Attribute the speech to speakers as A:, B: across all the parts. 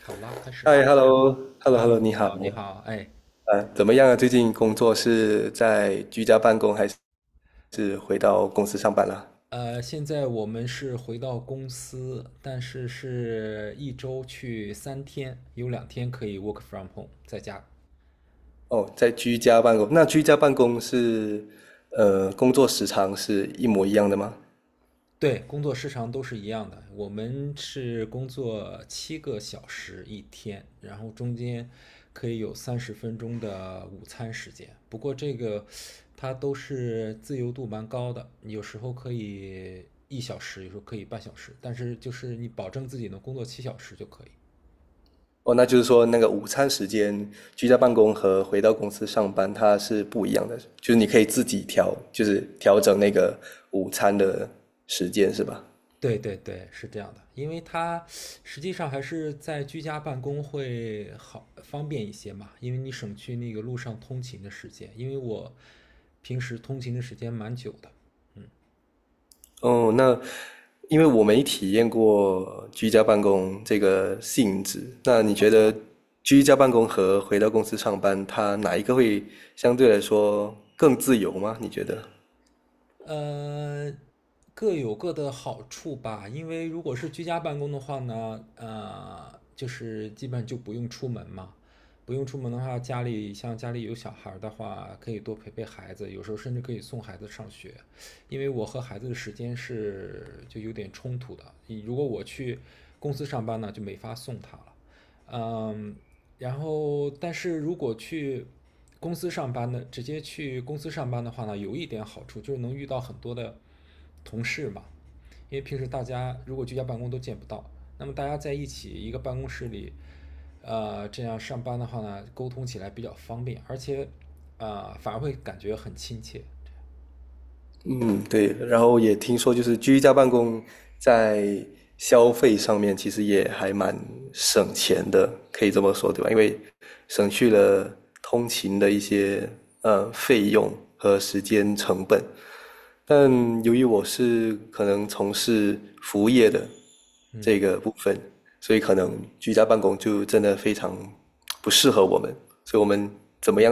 A: 好了，开始吧。
B: 嗨，hello，hello，hello，
A: Hello，
B: 你
A: 你
B: 好。
A: 好，你好，哎，
B: 啊，怎么样啊？最近工作是在居家办公还是回到公司上班啦？
A: 现在我们是回到公司，但是是一周去3天，有2天可以 work from home，在家。
B: 哦，在居家办公。那居家办公是，工作时长是一模一样的吗？
A: 对，工作时长都是一样的。我们是工作7个小时一天，然后中间可以有30分钟的午餐时间。不过这个它都是自由度蛮高的，有时候可以1小时，有时候可以半小时，但是就是你保证自己能工作7小时就可以。
B: 哦，那就是说那个午餐时间，居家办公和回到公司上班它是不一样的，就是你可以自己调，就是调整那个午餐的时间，是吧？
A: 对对对，是这样的，因为它实际上还是在居家办公会好方便一些嘛，因为你省去那个路上通勤的时间，因为我平时通勤的时间蛮久的。
B: 哦，那因为我没体验过居家办公这个性质，那你觉得居家办公和回到公司上班，它哪一个会相对来说更自由吗？你觉得？
A: 呃，各有各的好处吧，因为如果是居家办公的话呢，就是基本就不用出门嘛，不用出门的话，家里像家里有小孩儿的话，可以多陪陪孩子，有时候甚至可以送孩子上学，因为我和孩子的时间是就有点冲突的，如果我去公司上班呢，就没法送他了。嗯，然后但是如果去公司上班呢，直接去公司上班的话呢，有一点好处就是能遇到很多的同事嘛，因为平时大家如果居家办公都见不到，那么大家在一起一个办公室里，这样上班的话呢，沟通起来比较方便，而且啊，反而会感觉很亲切。
B: 嗯，对。然后也听说，就是居家办公在消费上面其实也还蛮省钱的，可以这么说，对吧？因为省去了通勤的一些费用和时间成本。但由于我是可能从事服务业的这
A: 嗯，
B: 个部分，所以可能居家办公就真的非常不适合我们，所以我们怎么样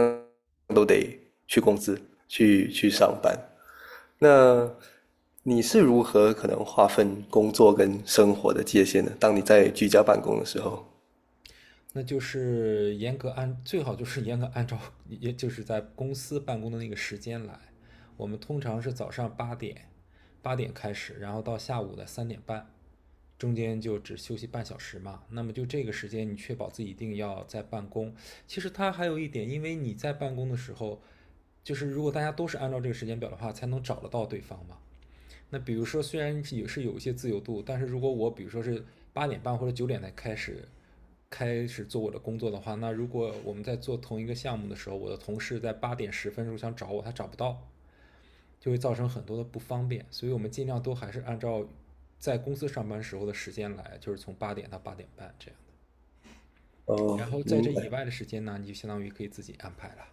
B: 都得去公司去上班。那你是如何可能划分工作跟生活的界限呢？当你在居家办公的时候，
A: 那就是严格按最好就是严格按照也就是在公司办公的那个时间来。我们通常是早上八点开始，然后到下午的三点半，中间就只休息半小时嘛。那么就这个时间，你确保自己一定要在办公。其实它还有一点，因为你在办公的时候，就是如果大家都是按照这个时间表的话，才能找得到对方嘛。那比如说，虽然也是有一些自由度，但是如果我比如说是八点半或者9点才开始做我的工作的话，那如果我们在做同一个项目的时候，我的同事在8点10分时候想找我，他找不到，就会造成很多的不方便。所以我们尽量都还是按照在公司上班时候的时间来，就是从八点到八点半这样的。
B: 哦，
A: 然后在
B: 明
A: 这以外
B: 白。
A: 的时间呢，你就相当于可以自己安排了。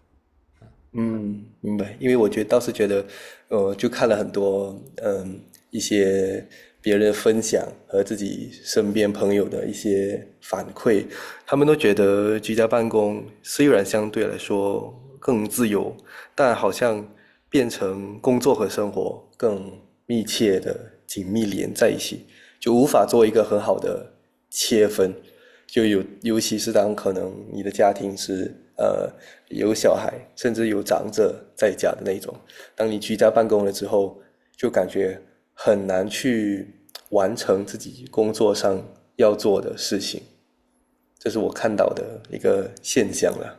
B: 嗯，明白。因为我觉得倒是觉得，就看了很多，嗯，一些别人的分享和自己身边朋友的一些反馈，他们都觉得居家办公虽然相对来说更自由，但好像变成工作和生活更密切的紧密连在一起，就无法做一个很好的切分。就有，尤其是当可能你的家庭是有小孩，甚至有长者在家的那种，当你居家办公了之后，就感觉很难去完成自己工作上要做的事情，这是我看到的一个现象了。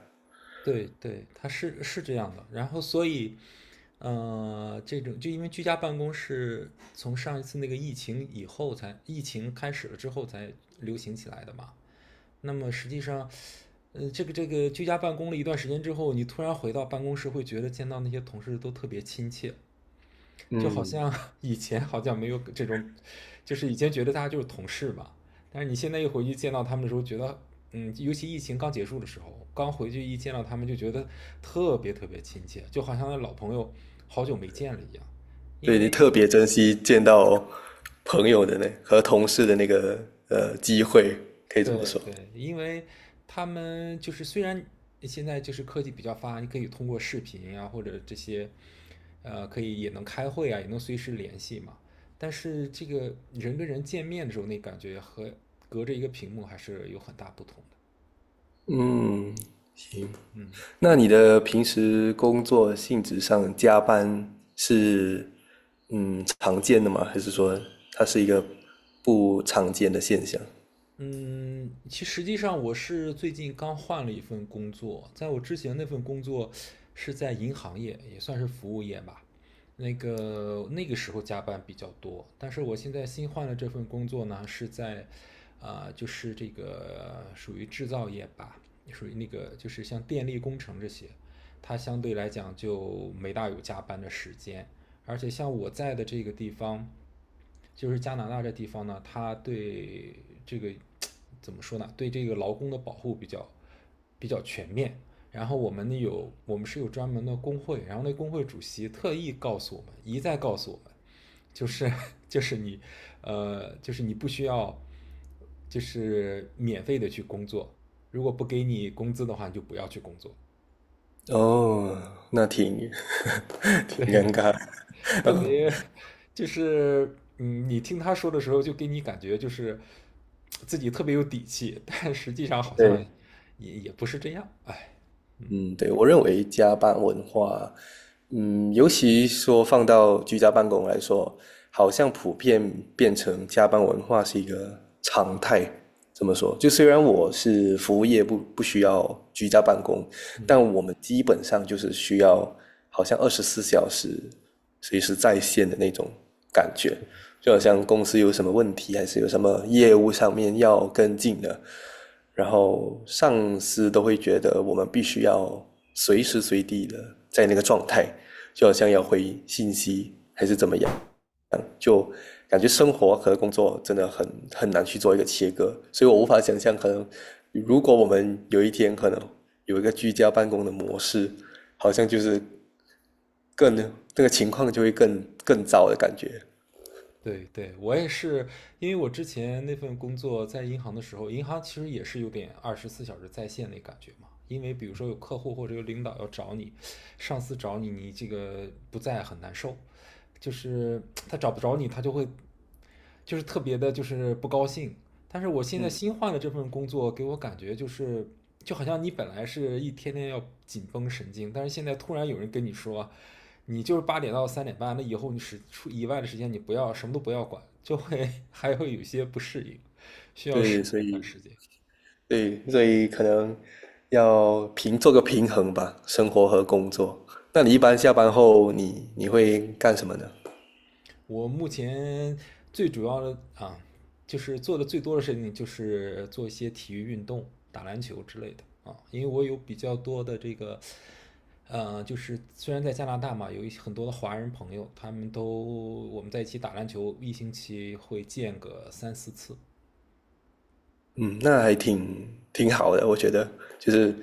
A: 对对，他是这样的。然后所以这种就因为居家办公是从上一次那个疫情以后才，疫情开始了之后才流行起来的嘛。那么实际上，这个居家办公了一段时间之后，你突然回到办公室，会觉得见到那些同事都特别亲切，就好
B: 嗯，
A: 像 以前好像没有这种，就是以前觉得大家就是同事嘛，但是你现在一回去见到他们的时候，觉得，嗯，尤其疫情刚结束的时候，刚回去一见到他们就觉得特别特别亲切，就好像那老朋友好久没见了一样。因
B: 对
A: 为。
B: 你特别珍惜见到朋友的那和同事的那个机会，可以这么
A: 对
B: 说。
A: 对，因为他们就是虽然现在就是科技比较发达，你可以通过视频啊或者这些，可以也能开会啊，也能随时联系嘛。但是这个人跟人见面的时候，那感觉和隔着一个屏幕还是有很大不同的。
B: 嗯，
A: 嗯。
B: 那你的平时工作性质上加班是常见的吗？还是说它是一个不常见的现象？
A: 嗯，其实实际上我是最近刚换了一份工作，在我之前那份工作是在银行业，也算是服务业吧。那个时候加班比较多，但是我现在新换了这份工作呢，是在，啊、就是这个属于制造业吧，属于那个就是像电力工程这些，它相对来讲就没大有加班的时间，而且像我在的这个地方，就是加拿大这地方呢，它对这个怎么说呢？对这个劳工的保护比较全面。然后我们是有专门的工会，然后那工会主席特意告诉我们，一再告诉我们，就是 就是你就是你不需要就是免费的去工作，如果不给你工资的话，你就不要去工作。
B: 哦，那挺 挺
A: 对。
B: 尴尬。
A: 特别 就是嗯，你听他说的时候，就给你感觉就是自己特别有底气，但实际上好像
B: 对，
A: 也不是这样，哎，嗯。
B: 嗯，对，我认为加班文化，嗯，尤其说放到居家办公来说，好像普遍变成加班文化是一个常态。怎么说，就虽然我是服务业不需要居家办公，
A: 嗯，
B: 但我们基本上就是需要好像二十四小时随时在线的那种感觉。就好像公司有什么问题，还是有什么业务上面要跟进的，然后上司都会觉得我们必须要随时随地的在那个状态，就好像要回信息还是怎么样，感觉生活和工作真的很难去做一个切割，所以我无法想象，可能如果我们有一天可能有一个居家办公的模式，好像就是更那个情况就会更糟的感觉。
A: 对对，我也是，因为我之前那份工作在银行的时候，银行其实也是有点24小时在线那感觉嘛。因为比如说有客户或者有领导要找你，上司找你，你这个不在很难受。就是他找不着你，他就会就是特别的，就是不高兴。但是我现在
B: 嗯，
A: 新换的这份工作，给我感觉就是就好像你本来是一天天要紧绷神经，但是现在突然有人跟你说，你就是八点到三点半，那以后你是出以外的时间你不要什么都不要管，就会 还会有些不适应，需要适
B: 对，
A: 应
B: 所
A: 一段
B: 以
A: 时间。
B: 可能要平做个平衡吧，生活和工作。那你一般下班后你会干什么呢？
A: 我目前最主要的啊，就是做的最多的事情就是做一些体育运动，打篮球之类的啊。因为我有比较多的这个，就是虽然在加拿大嘛，有一些很多的华人朋友，他们都我们在一起打篮球，一星期会见个三四次。
B: 嗯，那还挺好的，我觉得就是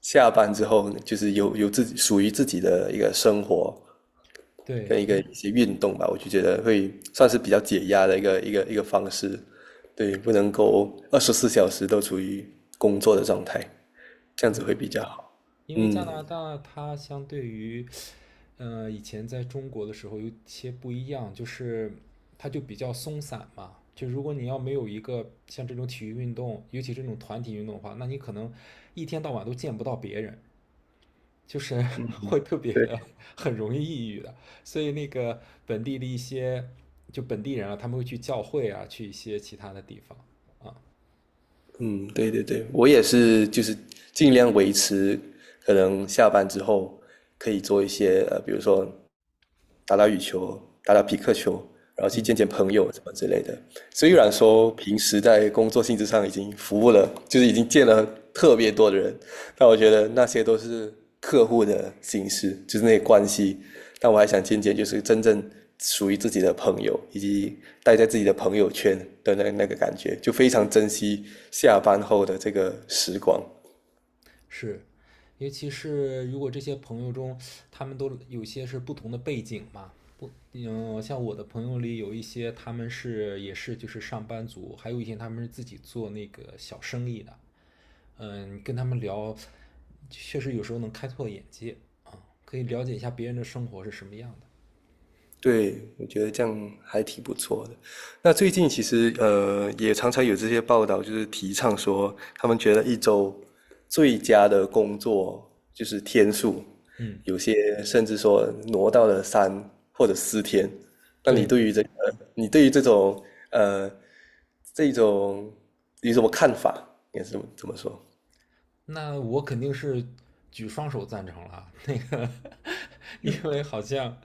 B: 下班之后就是有自己属于自己的一个生活跟
A: 对，
B: 一个
A: 一
B: 一些运动吧，我就觉得会算是比较解压的一个方式。对，不能够二十四小时都处于工作的状态，这样子
A: 对。
B: 会比较好。
A: 因为加
B: 嗯，
A: 拿大它相对于，以前在中国的时候有些不一样，就是它就比较松散嘛。就如果你要没有一个像这种体育运动，尤其这种团体运动的话，那你可能一天到晚都见不到别人，就是 会特别
B: 对，
A: 的很容易抑郁的。所以那个本地的一些就本地人啊，他们会去教会啊，去一些其他的地方啊。
B: 嗯，对对对，我也是，就是尽量维持，可能下班之后可以做一些比如说打打羽球，打打匹克球，然后去见
A: 嗯，
B: 见朋友什么之类的。虽
A: 对。
B: 然说平时在工作性质上已经服务了，就是已经见了特别多的人，但我觉得那些都是客户的形式，就是那些关系。但我还想见见，就是真正属于自己的朋友，以及待在自己的朋友圈的那个感觉，就非常珍惜下班后的这个时光。
A: 是，尤其是如果这些朋友中，他们都有些是不同的背景嘛，不，嗯，像我的朋友里有一些他们是也是就是上班族，还有一些他们是自己做那个小生意的，嗯，跟他们聊，确实有时候能开拓眼界啊，可以了解一下别人的生活是什么样的。
B: 对，我觉得这样还挺不错的。那最近其实也常常有这些报道，就是提倡说，他们觉得一周最佳的工作就是天数，
A: 嗯，
B: 有些甚至说挪到了3或者4天。那你
A: 对
B: 对
A: 对。
B: 于这个，你对于这种呃，这种有什么看法？应该是怎么这么说？
A: 那我肯定是举双手赞成了啊。那个，因为好像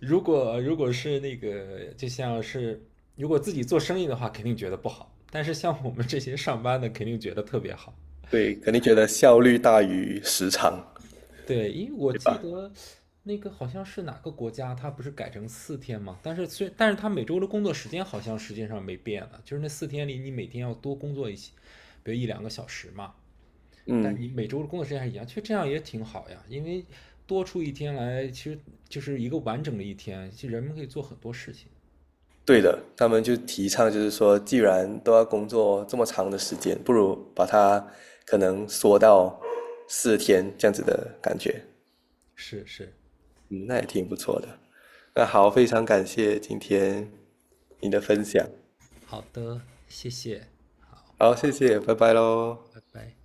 A: 如果是那个，就像是如果自己做生意的话，肯定觉得不好。但是像我们这些上班的，肯定觉得特别好。
B: 对，肯定觉得效率大于时长，
A: 对，因为我
B: 对
A: 记
B: 吧？
A: 得那个好像是哪个国家，它不是改成四天嘛？但是它每周的工作时间好像实际上没变了，就是那四天里你每天要多工作一些，比如一两个小时嘛。但
B: 嗯。
A: 你每周的工作时间还一样，其实这样也挺好呀，因为多出一天来，其实就是一个完整的一天，其实人们可以做很多事情。
B: 对的，他们就提倡就是说，既然都要工作这么长的时间，不如把它可能缩到四天这样子的感觉。
A: 是是
B: 嗯，那也挺不错的。那
A: 是的，
B: 好，非常感谢今天你的分享。
A: 好的，谢谢，
B: 好，谢谢，拜拜喽。
A: 拜拜。